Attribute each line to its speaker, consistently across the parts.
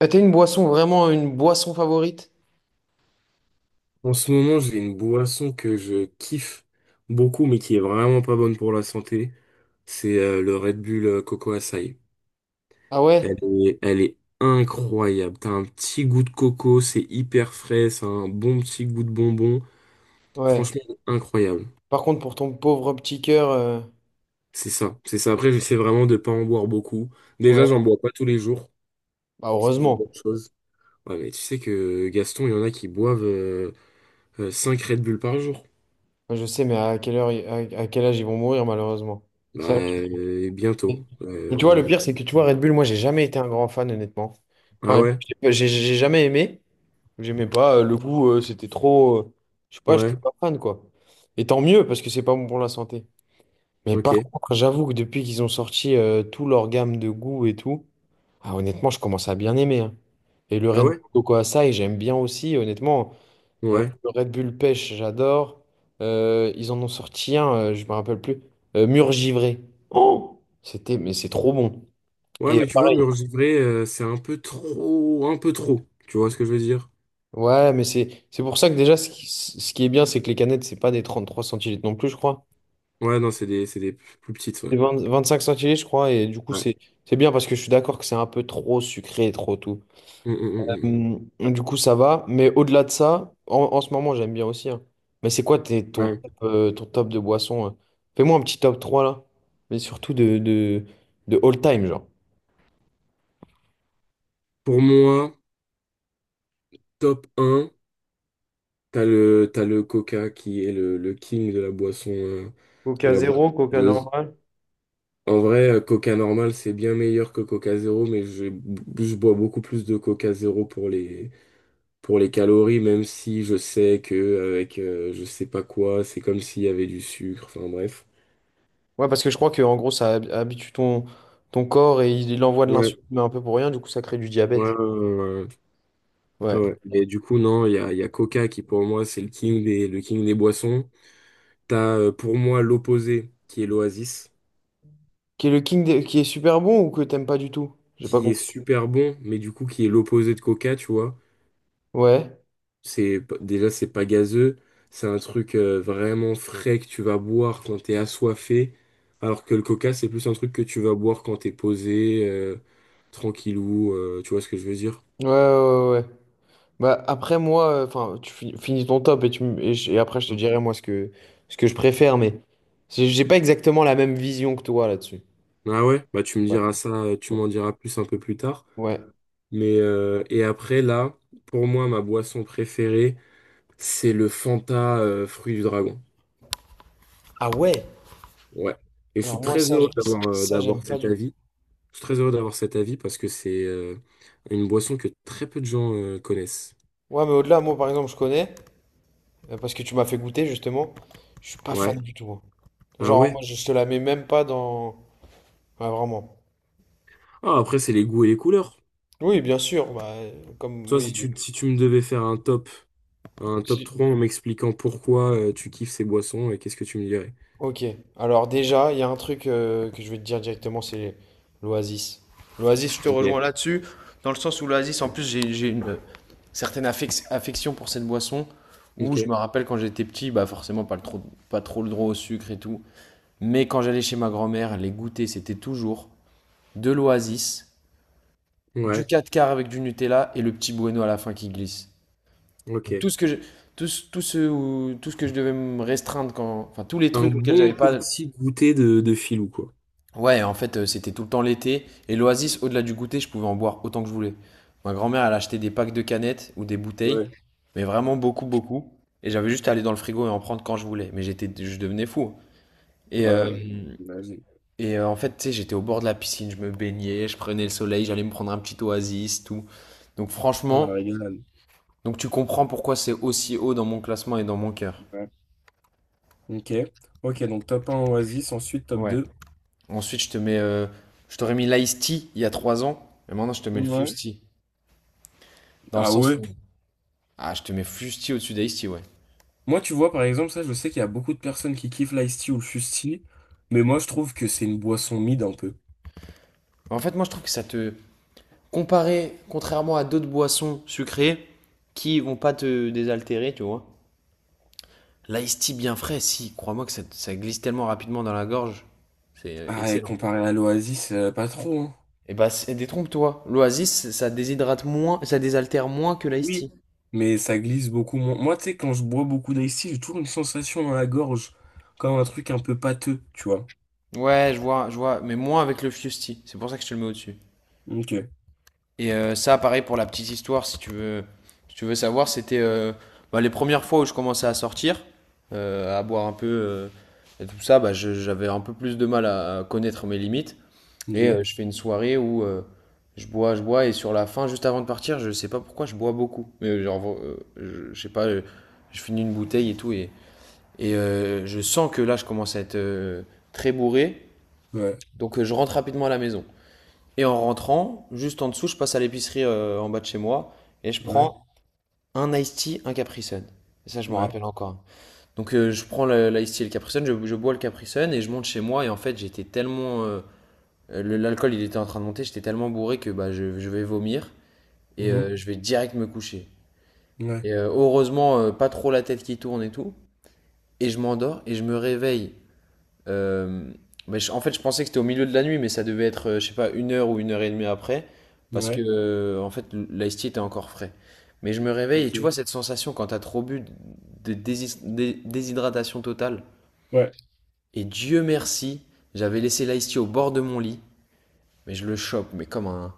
Speaker 1: Ah, t'as une boisson, vraiment une boisson favorite?
Speaker 2: En ce moment, j'ai une boisson que je kiffe beaucoup, mais qui est vraiment pas bonne pour la santé. C'est le Red Bull Coco Açaï.
Speaker 1: Ah
Speaker 2: Elle
Speaker 1: ouais?
Speaker 2: est, elle est incroyable. T'as un petit goût de coco, c'est hyper frais, c'est un bon petit goût de bonbon.
Speaker 1: Ouais.
Speaker 2: Franchement, incroyable.
Speaker 1: Par contre, pour ton pauvre petit cœur,
Speaker 2: C'est ça. Après, j'essaie vraiment de pas en boire beaucoup. Déjà,
Speaker 1: ouais.
Speaker 2: j'en bois pas tous les jours,
Speaker 1: Bah,
Speaker 2: ce qui est une
Speaker 1: heureusement.
Speaker 2: bonne chose. Ouais, mais tu sais que Gaston, il y en a qui boivent 5 Red Bull par jour.
Speaker 1: Moi, je sais, mais à quelle heure, à quel âge ils vont mourir, malheureusement.
Speaker 2: Bah,
Speaker 1: Ça, la question.
Speaker 2: bientôt.
Speaker 1: Mais tu vois, le
Speaker 2: On-
Speaker 1: pire, c'est que tu vois, Red Bull, moi, j'ai jamais été un grand fan, honnêtement.
Speaker 2: Ah
Speaker 1: Enfin,
Speaker 2: ouais?
Speaker 1: j'ai jamais aimé. J'aimais pas le goût, c'était trop. Je sais pas, j'étais
Speaker 2: Ouais,
Speaker 1: pas fan, quoi. Et tant mieux, parce que c'est pas bon pour la santé. Mais par
Speaker 2: ok.
Speaker 1: contre, j'avoue que depuis qu'ils ont sorti tout leur gamme de goût et tout. Ah, honnêtement, je commence à bien aimer, hein. Et le
Speaker 2: Ah
Speaker 1: Red
Speaker 2: ouais?
Speaker 1: Bull Coco Açaï, j'aime bien aussi, honnêtement.
Speaker 2: Ouais.
Speaker 1: Le Red Bull Pêche, j'adore. Ils en ont sorti un, je me rappelle plus. Mur Givré. Oh! C'était, mais c'est trop bon.
Speaker 2: Ouais,
Speaker 1: Et
Speaker 2: mais tu vois, mur
Speaker 1: pareil.
Speaker 2: givré, c'est un peu trop, un peu trop. Tu vois ce que je veux dire?
Speaker 1: Ouais, mais c'est pour ça que déjà, ce qui est bien, c'est que les canettes, c'est pas des 33 centilitres non plus, je crois.
Speaker 2: Ouais, non, c'est des plus petites, ouais.
Speaker 1: C'est vingt cinq centilitres, je crois. Et du coup,
Speaker 2: Ouais.
Speaker 1: c'est bien parce que je suis d'accord que c'est un peu trop sucré et trop tout.
Speaker 2: Mm, mm, mm,
Speaker 1: Du coup, ça va. Mais au-delà de ça, en ce moment, j'aime bien aussi, hein. Mais c'est quoi
Speaker 2: mm.
Speaker 1: ton,
Speaker 2: Ouais.
Speaker 1: top, euh, ton top de boisson Fais-moi un petit top 3 là. Mais surtout de all time, genre.
Speaker 2: Pour moi, top un t'as le Coca qui est le king de
Speaker 1: Coca
Speaker 2: la boisson
Speaker 1: zéro, Coca
Speaker 2: gazeuse.
Speaker 1: normal.
Speaker 2: En vrai, Coca normal, c'est bien meilleur que Coca zéro, je bois beaucoup plus de Coca zéro pour les calories, même si je sais que avec je sais pas quoi, c'est comme s'il y avait du sucre, enfin bref.
Speaker 1: Ouais, parce que je crois que en gros, ça habitue ton corps et il envoie de
Speaker 2: Ouais,
Speaker 1: l'insuline, mais un peu pour rien. Du coup, ça crée du
Speaker 2: ouais, ouais,
Speaker 1: diabète.
Speaker 2: ouais, ouais,
Speaker 1: Ouais.
Speaker 2: ouais. Mais du coup, non, il y a Coca qui pour moi c'est le king des boissons. T'as pour moi l'opposé qui est l'Oasis,
Speaker 1: Qui est le king de- qui est super bon ou que t'aimes pas du tout? J'ai pas
Speaker 2: qui est
Speaker 1: compris.
Speaker 2: super bon, mais du coup qui est l'opposé de Coca, tu vois.
Speaker 1: Ouais.
Speaker 2: C'est déjà c'est pas gazeux, c'est un truc vraiment frais que tu vas boire quand t'es assoiffé, alors que le coca c'est plus un truc que tu vas boire quand t'es posé, tranquillou, tu vois ce que je veux dire?
Speaker 1: Ouais, ouais, ouais, ouais. Bah, après, moi, enfin, finis ton top et, tu, m- et, je- et après, je te dirai, moi, ce que je préfère, mais j'ai pas exactement la même vision que toi là-dessus.
Speaker 2: Ah ouais, bah tu me
Speaker 1: Ouais.
Speaker 2: diras ça, tu m'en diras plus un peu plus tard.
Speaker 1: Ouais.
Speaker 2: Mais et après là, pour moi ma boisson préférée c'est le Fanta fruit du dragon.
Speaker 1: Ah ouais?
Speaker 2: Ouais. Et je
Speaker 1: Alors,
Speaker 2: suis
Speaker 1: moi,
Speaker 2: très
Speaker 1: ça,
Speaker 2: heureux d'avoir
Speaker 1: ça,
Speaker 2: d'avoir
Speaker 1: j'aime pas
Speaker 2: cet
Speaker 1: du tout.
Speaker 2: avis. Je suis très heureux d'avoir cet avis parce que c'est une boisson que très peu de gens connaissent.
Speaker 1: Ouais, mais au-delà, moi, par exemple, je connais, parce que tu m'as fait goûter, justement. Je suis pas
Speaker 2: Ouais.
Speaker 1: fan du tout, hein.
Speaker 2: Ah
Speaker 1: Genre,
Speaker 2: ouais.
Speaker 1: moi, je te la mets même pas dans. Ouais, vraiment.
Speaker 2: Ah, après, c'est les goûts et les couleurs.
Speaker 1: Oui, bien sûr. Bah, comme,
Speaker 2: Toi, si
Speaker 1: oui.
Speaker 2: tu, si tu me devais faire un top
Speaker 1: si
Speaker 2: 3 en m'expliquant pourquoi tu kiffes ces boissons, et qu'est-ce que tu me dirais?
Speaker 1: Ok, alors déjà, il y a un truc que je vais te dire directement, c'est l'Oasis. L'Oasis, je te
Speaker 2: Ok.
Speaker 1: rejoins là-dessus, dans le sens où l'Oasis, en plus, j'ai une certaine affection pour cette boisson, où je
Speaker 2: Ok.
Speaker 1: me rappelle quand j'étais petit, bah forcément pas trop le droit au sucre et tout, mais quand j'allais chez ma grand-mère, les goûters c'était toujours de l'Oasis, du
Speaker 2: Ouais.
Speaker 1: 4 quarts avec du Nutella et le petit bueno à la fin qui glisse. Donc, Tout
Speaker 2: Ok.
Speaker 1: ce que je, tout ce, où- tout ce que je devais me restreindre quand, enfin tous les
Speaker 2: Un
Speaker 1: trucs auxquels
Speaker 2: bon
Speaker 1: j'avais pas.
Speaker 2: petit goûter de filou, quoi.
Speaker 1: Ouais, en fait, c'était tout le temps l'été. Et l'Oasis, au-delà du goûter, je pouvais en boire autant que je voulais. Ma grand-mère, elle achetait des packs de canettes ou des bouteilles,
Speaker 2: Ouais,
Speaker 1: mais vraiment beaucoup, beaucoup. Et j'avais juste à aller dans le frigo et en prendre quand je voulais. Mais j'étais, je devenais fou. Et,
Speaker 2: ouais,
Speaker 1: euh,
Speaker 2: ouais, j'imagine.
Speaker 1: et, en fait, tu sais, j'étais au bord de la piscine, je me baignais, je prenais le soleil, j'allais me prendre un petit oasis, tout. Donc
Speaker 2: Ah, la
Speaker 1: franchement,
Speaker 2: régalade.
Speaker 1: tu comprends pourquoi c'est aussi haut dans mon classement et dans mon cœur.
Speaker 2: Ouais. Ok. Ok, donc top un Oasis, ensuite top
Speaker 1: Ouais.
Speaker 2: 2.
Speaker 1: Ensuite, je t'aurais mis l'Ice Tea il y a 3 ans, et maintenant je te mets le Fuse
Speaker 2: Ouais.
Speaker 1: Tea. Dans le
Speaker 2: Ah
Speaker 1: sens
Speaker 2: ouais?
Speaker 1: où Ah, je te mets fusti au-dessus d'Aïsti, ouais.
Speaker 2: Moi, tu vois, par exemple, ça, je sais qu'il y a beaucoup de personnes qui kiffent l'Ice Tea ou le fusti, mais moi, je trouve que c'est une boisson mid un peu.
Speaker 1: En fait, moi, je trouve que ça te. Comparé, contrairement à d'autres boissons sucrées qui vont pas te désaltérer, tu vois. L'Aïsti bien frais, si, crois-moi que ça glisse tellement rapidement dans la gorge. C'est
Speaker 2: Ah, et
Speaker 1: excellent.
Speaker 2: comparé à l'Oasis, pas trop, hein.
Speaker 1: Et bah, détrompe-toi. L'Oasis, ça déshydrate moins, ça désaltère moins que
Speaker 2: Oui,
Speaker 1: l'Aïsti.
Speaker 2: mais ça glisse beaucoup moins. Moi, tu sais, quand je bois beaucoup d'Ice Tea, j'ai toujours une sensation dans la gorge, comme un truc un peu pâteux, tu vois.
Speaker 1: Ouais, je vois, mais moins avec le fusti. C'est pour ça que je te le mets au-dessus.
Speaker 2: Ok,
Speaker 1: Et ça, pareil pour la petite histoire, si tu veux, savoir, c'était bah, les premières fois où je commençais à sortir, à boire un peu et tout ça, bah, j'avais un peu plus de mal à connaître mes limites. Et
Speaker 2: ok,
Speaker 1: je fais une soirée où je bois, et sur la fin, juste avant de partir, je sais pas pourquoi je bois beaucoup. Mais genre, je sais pas, je finis une bouteille et tout, et, je sens que là, je commence à être très bourré.
Speaker 2: ouais,
Speaker 1: Donc je rentre rapidement à la maison. Et en rentrant, juste en dessous, je passe à l'épicerie en bas de chez moi et je
Speaker 2: ouais,
Speaker 1: prends un iced tea, un Capri Sun. Et ça, je m'en
Speaker 2: ouais,
Speaker 1: rappelle encore. Donc, je prends l'iced tea et le Capri Sun, je bois le Capri Sun et je monte chez moi. Et en fait, l'alcool, il était en train de monter, j'étais tellement bourré que bah, je vais vomir et
Speaker 2: mhm,
Speaker 1: je vais direct me coucher.
Speaker 2: ouais,
Speaker 1: Et heureusement, pas trop la tête qui tourne et tout. Et je m'endors et je me réveille. Euh, mais en fait, je pensais que c'était au milieu de la nuit, mais ça devait être, je sais pas, 1 heure ou 1 heure et demie après, parce que,
Speaker 2: ouais,
Speaker 1: en fait, l'ice tea était encore frais. Mais je me réveille et tu
Speaker 2: ok,
Speaker 1: vois cette sensation quand t'as trop bu de déshydratation totale.
Speaker 2: ouais,
Speaker 1: Et Dieu merci, j'avais laissé l'ice tea au bord de mon lit, mais je le chope, mais comme un,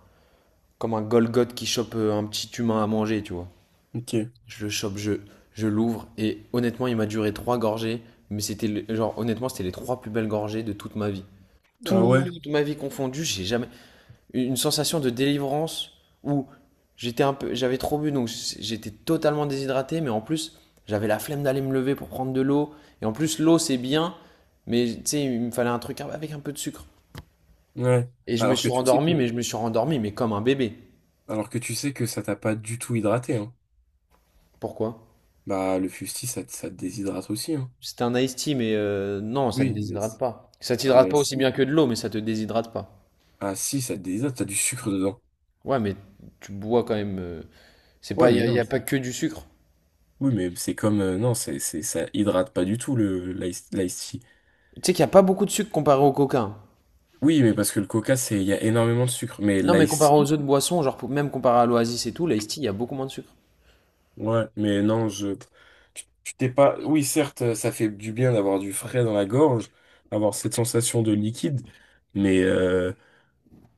Speaker 1: comme un Golgoth qui chope un petit humain à manger, tu vois.
Speaker 2: ok,
Speaker 1: Je le chope, je l'ouvre, et honnêtement, il m'a duré 3 gorgées, mais c'était, genre, honnêtement, c'était les trois plus belles gorgées de toute ma vie.
Speaker 2: ah ouais,
Speaker 1: Toute ma vie confondue, j'ai jamais une sensation de délivrance où j'étais un peu, j'avais trop bu, donc j'étais totalement déshydraté, mais en plus j'avais la flemme d'aller me lever pour prendre de l'eau. Et en plus l'eau c'est bien, mais tu sais il me fallait un truc avec un peu de sucre.
Speaker 2: ouais.
Speaker 1: Et je me
Speaker 2: Alors que
Speaker 1: suis
Speaker 2: tu sais
Speaker 1: rendormi, mais je
Speaker 2: que,
Speaker 1: me suis rendormi, mais comme un bébé.
Speaker 2: alors que tu sais que ça t'a pas du tout hydraté, hein.
Speaker 1: Pourquoi?
Speaker 2: Bah, le fusti ça te déshydrate aussi, hein.
Speaker 1: C'était un iced tea, mais non, ça te
Speaker 2: Oui, mais...
Speaker 1: déshydrate
Speaker 2: c-
Speaker 1: pas. Ça
Speaker 2: Ah,
Speaker 1: t'hydrate
Speaker 2: mais
Speaker 1: pas aussi
Speaker 2: si.
Speaker 1: bien que de l'eau, mais ça te déshydrate pas.
Speaker 2: Ah, si, ça te déshydrate, t'as du sucre dedans.
Speaker 1: Ouais, mais tu bois quand même, c'est
Speaker 2: Ouais,
Speaker 1: pas, il y,
Speaker 2: mais
Speaker 1: a y
Speaker 2: non.
Speaker 1: a pas
Speaker 2: c'est-
Speaker 1: que du sucre.
Speaker 2: Oui, mais c'est comme... non, ça hydrate pas du tout, le l'ice tea.
Speaker 1: Tu sais qu'il y a pas beaucoup de sucre comparé au coca, hein.
Speaker 2: Oui, mais parce que le coca, c'est... Il y a énormément de sucre. Mais
Speaker 1: Non, mais
Speaker 2: l'ice
Speaker 1: comparé
Speaker 2: tea...
Speaker 1: aux autres boissons, genre même comparé à l'Oasis et tout, l'Ice Tea, il y a beaucoup moins de sucre.
Speaker 2: Ouais, mais non, je... Tu t'es pas... Oui, certes, ça fait du bien d'avoir du frais dans la gorge, avoir cette sensation de liquide, mais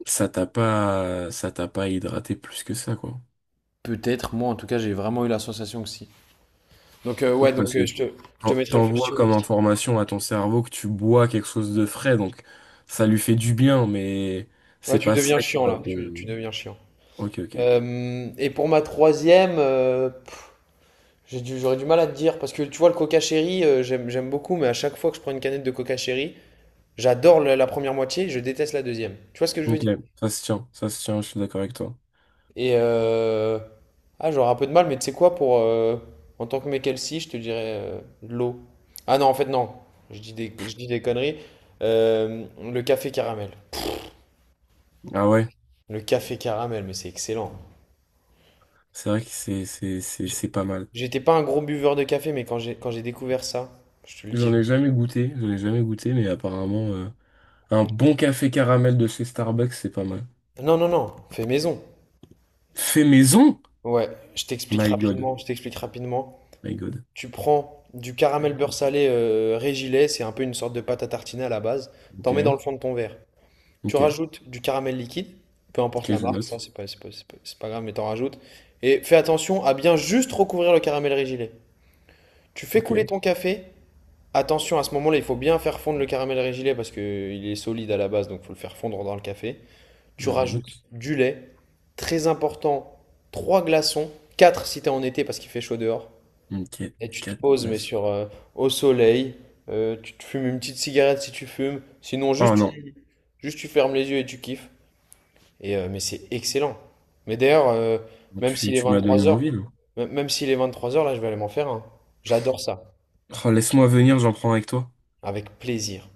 Speaker 2: ça t'a pas hydraté plus que ça, quoi.
Speaker 1: Peut-être, moi en tout cas, j'ai vraiment eu la sensation que si. Donc,
Speaker 2: Oui,
Speaker 1: ouais, donc
Speaker 2: parce que
Speaker 1: je te
Speaker 2: t'en-
Speaker 1: mettrai le flux
Speaker 2: T'envoies
Speaker 1: sur
Speaker 2: comme
Speaker 1: l'Ice Tea.
Speaker 2: information à ton cerveau que tu bois quelque chose de frais, donc ça lui fait du bien, mais
Speaker 1: Ouais,
Speaker 2: c'est
Speaker 1: tu
Speaker 2: pas
Speaker 1: deviens
Speaker 2: ça qui
Speaker 1: chiant
Speaker 2: va
Speaker 1: là, tu,
Speaker 2: te...
Speaker 1: tu deviens chiant.
Speaker 2: Ok, ok.
Speaker 1: Et pour ma troisième, j'aurais du mal à te dire parce que tu vois, le Coca Cherry, j'aime beaucoup, mais à chaque fois que je prends une canette de Coca Cherry, j'adore la première moitié, je déteste la deuxième. Tu vois ce que je veux
Speaker 2: Ok,
Speaker 1: dire?
Speaker 2: ça se tient, je suis d'accord avec toi.
Speaker 1: Et ah, j'aurais un peu de mal, mais tu sais quoi, pour en tant que mec LC, je te dirais de l'eau. Ah non, en fait, non, je dis des conneries. Le café caramel.
Speaker 2: Ah ouais,
Speaker 1: Le café caramel, mais c'est excellent.
Speaker 2: c'est vrai que c'est pas mal.
Speaker 1: J'étais pas un gros buveur de café, mais quand j'ai découvert ça, je te le dis.
Speaker 2: J'en ai jamais goûté, mais apparemment, un bon café caramel de chez Starbucks, c'est pas mal.
Speaker 1: Non, non, non, fais maison.
Speaker 2: Fait maison?
Speaker 1: Ouais, je t'explique
Speaker 2: My God,
Speaker 1: rapidement, je t'explique rapidement.
Speaker 2: my God.
Speaker 1: Tu prends du
Speaker 2: My
Speaker 1: caramel beurre
Speaker 2: God.
Speaker 1: salé Régilet, c'est un peu une sorte de pâte à tartiner à la base.
Speaker 2: Ok,
Speaker 1: T'en mets dans le fond de ton verre. Tu
Speaker 2: ok,
Speaker 1: rajoutes du caramel liquide, peu
Speaker 2: ok,
Speaker 1: importe la
Speaker 2: je
Speaker 1: marque, ça
Speaker 2: note.
Speaker 1: c'est pas grave, mais t'en rajoutes. Et fais attention à bien juste recouvrir le caramel régilet. Tu fais
Speaker 2: Ok,
Speaker 1: couler ton café. Attention, à ce moment-là, il faut bien faire fondre le caramel régilet parce qu'il est solide à la base, donc il faut le faire fondre dans le café. Tu
Speaker 2: je
Speaker 1: rajoutes
Speaker 2: note.
Speaker 1: du lait, très important, 3 glaçons, 4 si t'es en été parce qu'il fait chaud dehors.
Speaker 2: Ok,
Speaker 1: Et tu te
Speaker 2: quatre
Speaker 1: poses,
Speaker 2: glaces.
Speaker 1: au soleil, tu te fumes une petite cigarette si tu fumes. Sinon,
Speaker 2: Oh non.
Speaker 1: juste tu fermes les yeux et tu kiffes. Et, mais c'est excellent. Mais d'ailleurs,
Speaker 2: Bon,
Speaker 1: même s'il
Speaker 2: Tu
Speaker 1: est
Speaker 2: m'as donné
Speaker 1: 3 heures,
Speaker 2: envie, là.
Speaker 1: même s'il est trois heures là, je vais aller m'en faire un. J'adore ça.
Speaker 2: Oh, laisse-moi venir, j'en prends avec toi.
Speaker 1: Avec plaisir.